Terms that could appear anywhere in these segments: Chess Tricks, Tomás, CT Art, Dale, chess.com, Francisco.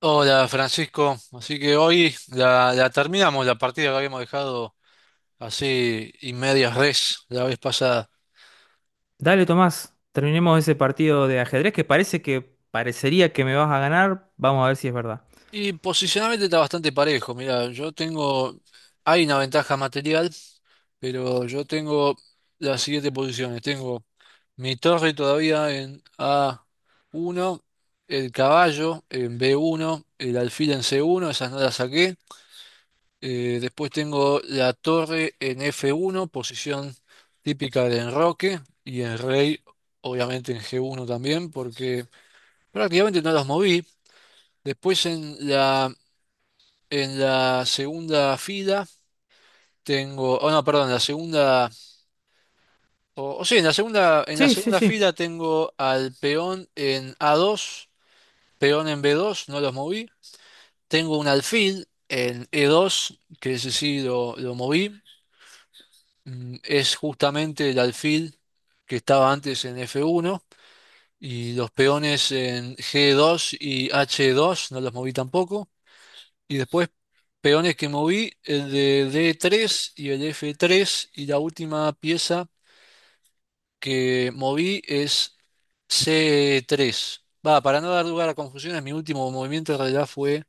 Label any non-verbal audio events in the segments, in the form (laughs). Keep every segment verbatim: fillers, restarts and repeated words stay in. Hola Francisco, así que hoy la, la terminamos la partida que habíamos dejado así y medias res la vez pasada. Dale, Tomás, terminemos ese partido de ajedrez que parece que parecería que me vas a ganar. Vamos a ver si es verdad. Y posicionalmente está bastante parejo, mira, yo tengo, hay una ventaja material, pero yo tengo las siguientes posiciones. Tengo mi torre todavía en A uno, el caballo en B uno, el alfil en C uno, esas no las saqué. Eh, después tengo la torre en F uno, posición típica del enroque, y el rey, obviamente en G uno también, porque prácticamente no los moví. Después en la, en la segunda fila tengo, oh no, perdón, en la segunda, o, o sí, en la segunda, en la Sí, sí, segunda sí. fila tengo al peón en A dos, peón en B dos, no los moví. Tengo un alfil en E dos, que ese sí lo, lo moví. Mm, es justamente el alfil que estaba antes en F uno y los peones en G dos y H dos, no los moví tampoco. Y después peones que moví, el de D tres y el F tres y la última pieza que moví es C tres. Va, para no dar lugar a confusiones, mi último movimiento en realidad fue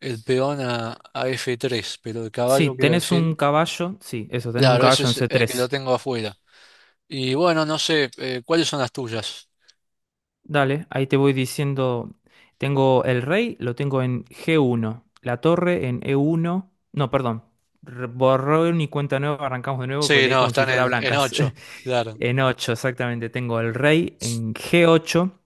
el peón a, a F tres, pero el Sí, caballo quiero tenés decir, un caballo. Sí, eso, tenés un claro, ese caballo en es el que lo c tres. tengo afuera. Y bueno, no sé, eh, ¿cuáles son las tuyas? Dale, ahí te voy diciendo. Tengo el rey, lo tengo en g uno. La torre en e uno. No, perdón. re- Borrón y cuenta nueva, arrancamos de nuevo, pues Sí, leí no, como si están fuera en, en blancas. (laughs) ocho, claro. En ocho exactamente. Tengo el rey en g ocho,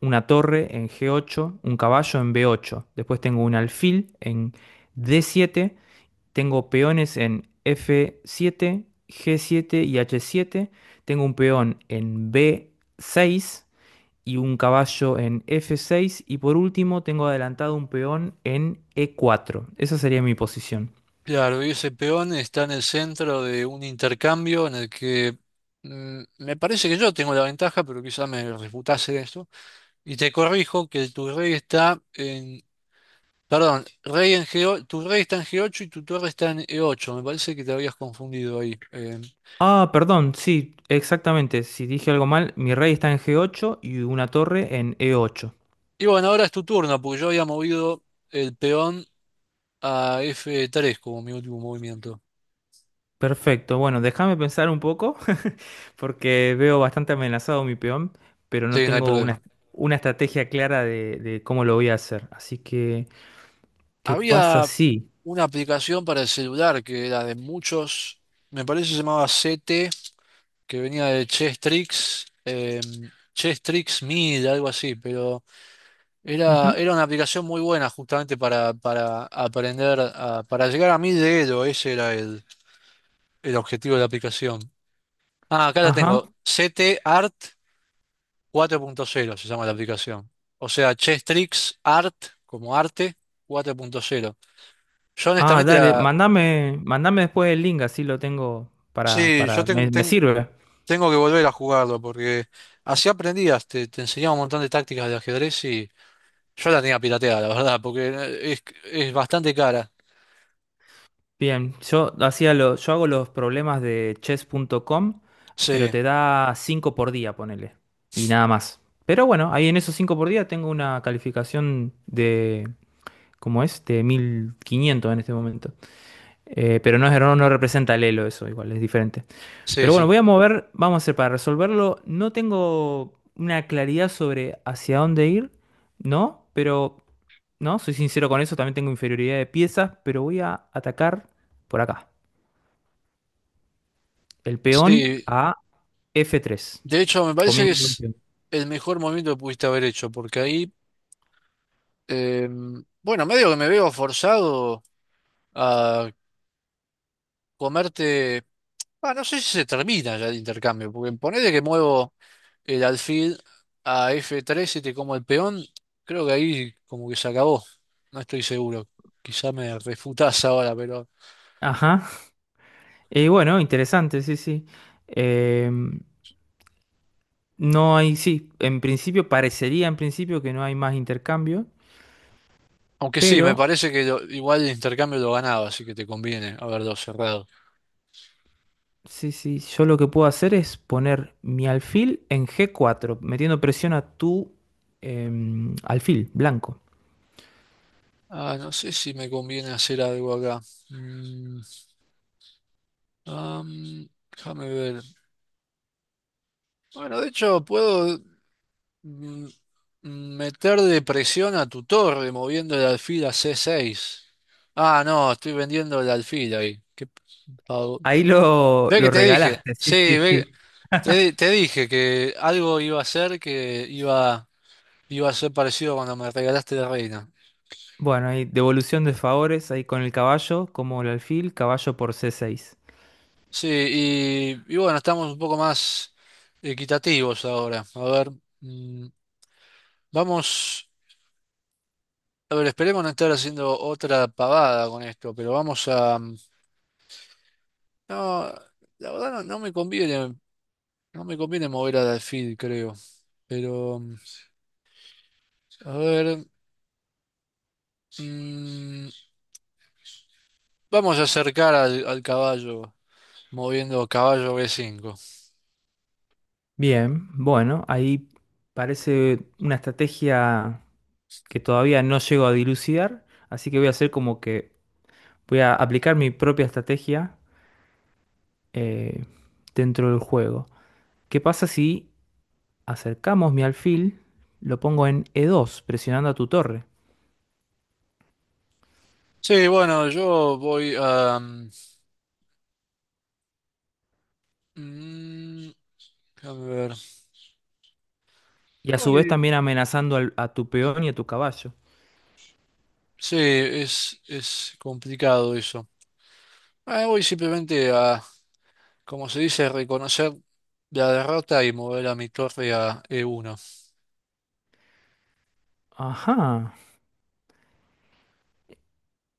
una torre en g ocho, un caballo en b ocho. Después tengo un alfil en d siete. Tengo peones en f siete, g siete y h siete. Tengo un peón en b seis y un caballo en f seis. Y por último, tengo adelantado un peón en e cuatro. Esa sería mi posición. Claro, y ese peón está en el centro de un intercambio en el que mm, me parece que yo tengo la ventaja, pero quizá me refutase esto. Y te corrijo que tu rey está en... Perdón, rey en G, tu rey está en G ocho y tu torre está en E ocho. Me parece que te habías confundido ahí. Eh, Ah, perdón, sí, exactamente. Si dije algo mal, mi rey está en g ocho y una torre en e ocho. y bueno, ahora es tu turno, porque yo había movido el peón a F tres como mi último movimiento. Perfecto, bueno, déjame pensar un poco, (laughs) porque veo bastante amenazado mi peón, pero no Sí, no hay tengo una, problema. una estrategia clara de, de cómo lo voy a hacer. Así que, ¿qué pasa Había si? una aplicación para el celular que era de muchos, me parece se llamaba C T, que venía de Chess Tricks, eh, Chess Tricks Mid, algo así, pero Ujú, era, era una aplicación muy buena justamente para, para aprender, a- para llegar a mil de Elo, ese era el, el objetivo de la aplicación. Ah, acá la ajá. tengo, C T Art cuatro punto cero se llama la aplicación, o sea, Chess Tricks Art, como arte, cuatro punto cero. Yo Ah, honestamente dale, la... mandame, mandame después el link, así lo tengo para, Sí, yo para, ten- me, me ten- sirve. Tengo que volver a jugarlo porque así aprendías, te, te enseñaba un montón de tácticas de ajedrez y yo la tenía pirateada, la verdad, porque eh, es, es bastante cara. Bien, yo hacía lo, yo hago los problemas de chess punto com, pero Sí, te da cinco por día, ponele. Y nada más. Pero bueno, ahí en esos cinco por día tengo una calificación de, ¿cómo es? De mil quinientos en este momento. Eh, pero no, es- no, no representa el Elo eso, igual, es diferente. sí, Pero bueno, sí. voy a mover, vamos a hacer para resolverlo. No tengo una claridad sobre hacia dónde ir, ¿no? Pero, ¿no? Soy sincero con eso, también tengo inferioridad de piezas, pero voy a atacar por acá. El peón Sí, a f tres de hecho me parece que comiendo un es peón. el mejor movimiento que pudiste haber hecho porque ahí, eh, bueno, medio que me veo forzado a comerte, ah, no sé si se termina ya el intercambio, porque ponele que muevo... el alfil a f tres y te como el peón, creo que ahí como que se acabó. No estoy seguro. Quizá me refutás ahora, pero... Ajá. Y bueno, interesante, sí, sí. Eh, no hay, sí, en principio parecería en principio que no hay más intercambio, Aunque sí, me pero parece que lo- igual el intercambio lo ganaba, así que te conviene haberlo cerrado. sí, sí, yo lo que puedo hacer es poner mi alfil en g cuatro metiendo presión a tu em, alfil blanco. Ah, no sé si me conviene hacer algo acá. Mm, am, Déjame ver. Bueno, de hecho, puedo mm, mm, meter de presión a tu torre moviendo el alfil a c seis. Ah, no, estoy vendiendo el alfil ahí. Qué. Ahí lo, Ve que lo te dije, regalaste, sí, sí, sí, ve, sí. te, (laughs) te dije que algo iba a ser, que iba, iba a ser parecido cuando me regalaste la reina. Bueno, hay devolución de favores ahí con el caballo, como el alfil, caballo por c seis. Sí, y, y bueno, estamos un poco más equitativos ahora. A ver, mm, vamos, a ver, esperemos no estar haciendo otra pavada con esto, pero vamos a... No, la verdad no, no me conviene, no me conviene mover al alfil, creo. Pero, a ver, mm, vamos a acercar al al caballo. Moviendo caballo B cinco. Bien, bueno, ahí parece una estrategia que todavía no llego a dilucidar, así que voy a hacer como que voy a aplicar mi propia estrategia eh, dentro del juego. ¿Qué pasa si acercamos mi alfil, lo pongo en e dos, presionando a tu torre, Sí, bueno, yo voy a... mm, déjame ver. y a su vez Voy- también amenazando al- a tu peón y a tu caballo? sí, es, es complicado eso. Ah, voy simplemente a, como se dice, reconocer la derrota y mover a mi torre a E uno. Ajá.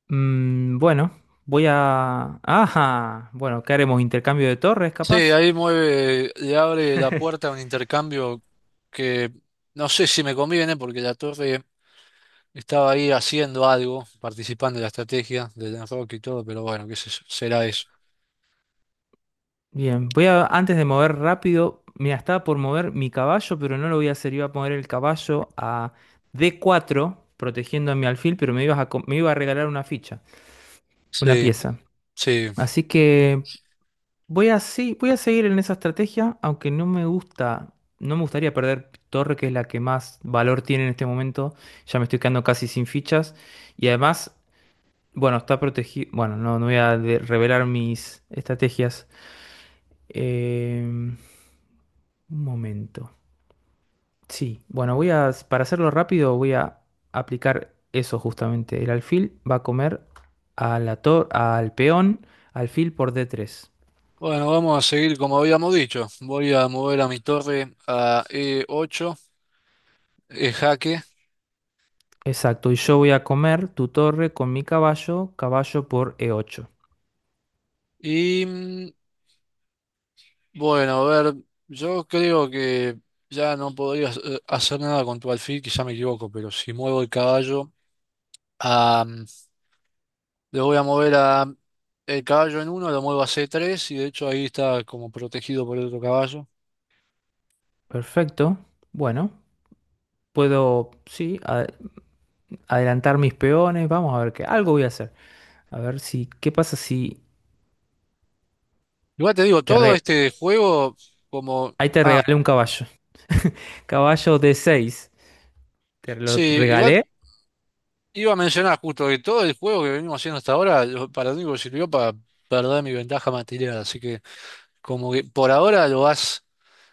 Mm, bueno, voy a... Ajá. Bueno, ¿qué haremos? ¿Intercambio de torres, Sí, capaz? ahí mueve, le abre la puerta a un intercambio que no sé si me conviene porque la torre estaba ahí haciendo algo, participando en la estrategia del enroque y todo, pero bueno, qué sé yo, será eso. Bien, voy a, antes de mover rápido, mira, estaba por mover mi caballo, pero no lo voy a hacer, iba a poner el caballo a d cuatro, protegiendo a mi alfil, pero me ibas a, co- me iba a regalar una ficha, una Sí. pieza. Sí, Así que voy a, sí, voy a seguir en esa estrategia, aunque no me gusta, no me gustaría perder torre, que es la que más valor tiene en este momento. Ya me estoy quedando casi sin fichas. Y además, bueno, está protegido, bueno, no, no voy a de- revelar mis estrategias. Em, un momento. Sí, bueno, voy a, para hacerlo rápido, voy a aplicar eso justamente. El alfil va a comer a la tor- al peón, alfil por d tres. bueno, vamos a seguir como habíamos dicho. Voy a mover a mi torre a E ocho, E jaque. Exacto, y yo voy a comer tu torre con mi caballo, caballo por e ocho. Y mm, bueno, a ver, yo creo que ya no podría hacer hacer nada con tu alfil, quizá me equivoco, pero si muevo el caballo, a, mm, le voy a mover a el caballo en uno, lo muevo a C tres y de hecho ahí está como protegido por el otro caballo. Perfecto. Bueno, puedo, sí, a- adelantar mis peones. Vamos a ver qué. Algo voy a hacer. A ver si, ¿qué pasa si Igual te digo, te todo re- este juego como... ahí te Ah, regalé un caballo? (laughs) Caballo d seis. ¿Te lo sí, igual regalé? iba a mencionar justo que todo el juego que venimos haciendo hasta ahora, lo- para lo único que sirvió para perder mi ventaja material. Así que como que por ahora lo vas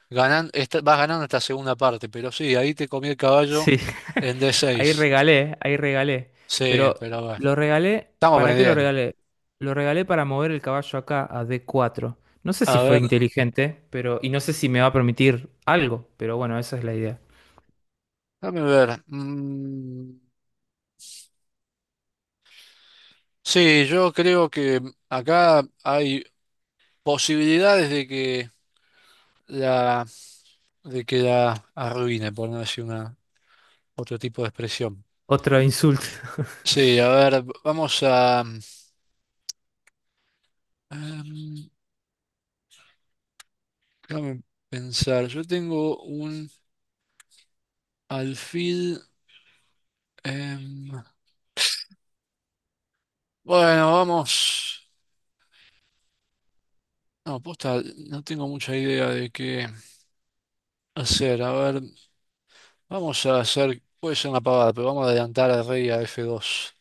ganando, vas ganando esta segunda parte, pero sí, ahí te comí el caballo Sí. (laughs) en Ahí D seis. regalé, ahí regalé. Sí, Pero pero bueno, lo regalé, estamos ¿para qué lo aprendiendo. regalé? Lo regalé para mover el caballo acá a d cuatro. No sé si A fue ver, inteligente, pero y no sé si me va a permitir algo, pero bueno, esa es la idea. dame ver. Mm, sí, yo creo que acá hay posibilidades de que la, de que la arruine, por no decir una, otro tipo de expresión. Otro insulto. (laughs) Sí, a ver, vamos a... Em, déjame pensar, yo tengo un alfil. em, bueno, vamos. No, posta, no tengo mucha idea de qué hacer. A ver, vamos a hacer. Puede ser una pavada, pero vamos a adelantar al rey a F dos.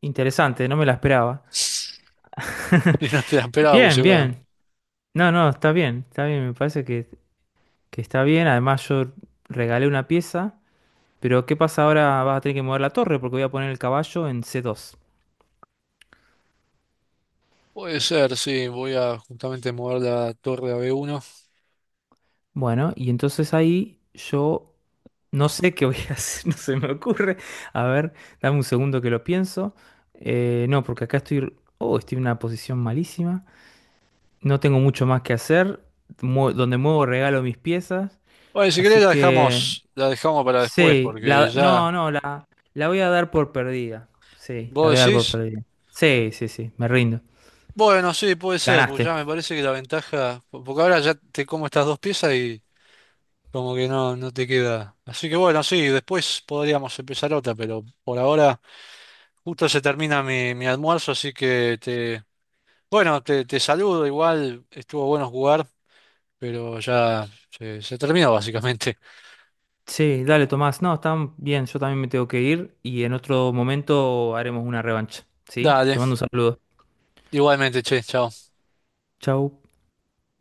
Interesante, no me la esperaba. (laughs) (laughs) Y no te la esperaba, porque Bien, seguro. bien. No, no, está bien, está bien, me parece que, que está bien. Además, yo regalé una pieza. Pero ¿qué pasa ahora? Vas a tener que mover la torre porque voy a poner el caballo en c dos. Puede ser, sí. Voy a justamente mover la torre a B uno. Bueno, y entonces ahí yo no sé qué voy a (laughs) hacer, no se me ocurre. A ver, dame un segundo que lo pienso. Eh, no, porque acá estoy... Oh, estoy en una posición malísima. No tengo mucho más que hacer. Mue- donde muevo regalo mis piezas. Bueno, si Así querés la que... dejamos, la dejamos para después, Sí, porque la... No, ya. no, la, la voy a dar por perdida. Sí, la voy a ¿Vos dar decís? por perdida. Sí, sí, sí, me rindo. Bueno, sí, puede ser, porque Ganaste. ya me parece que la ventaja, po- porque ahora ya te como estas dos piezas y como que no, no te queda. Así que bueno, sí, después podríamos empezar otra, pero por ahora justo se termina mi, mi almuerzo, así que te, bueno, te, te saludo, igual estuvo bueno jugar, pero ya se, se terminó básicamente. Sí, dale, Tomás. No, está bien, yo también me tengo que ir y en otro momento haremos una revancha. ¿Sí? Te Dale, mando un saludo. igualmente, che, chao. Chau.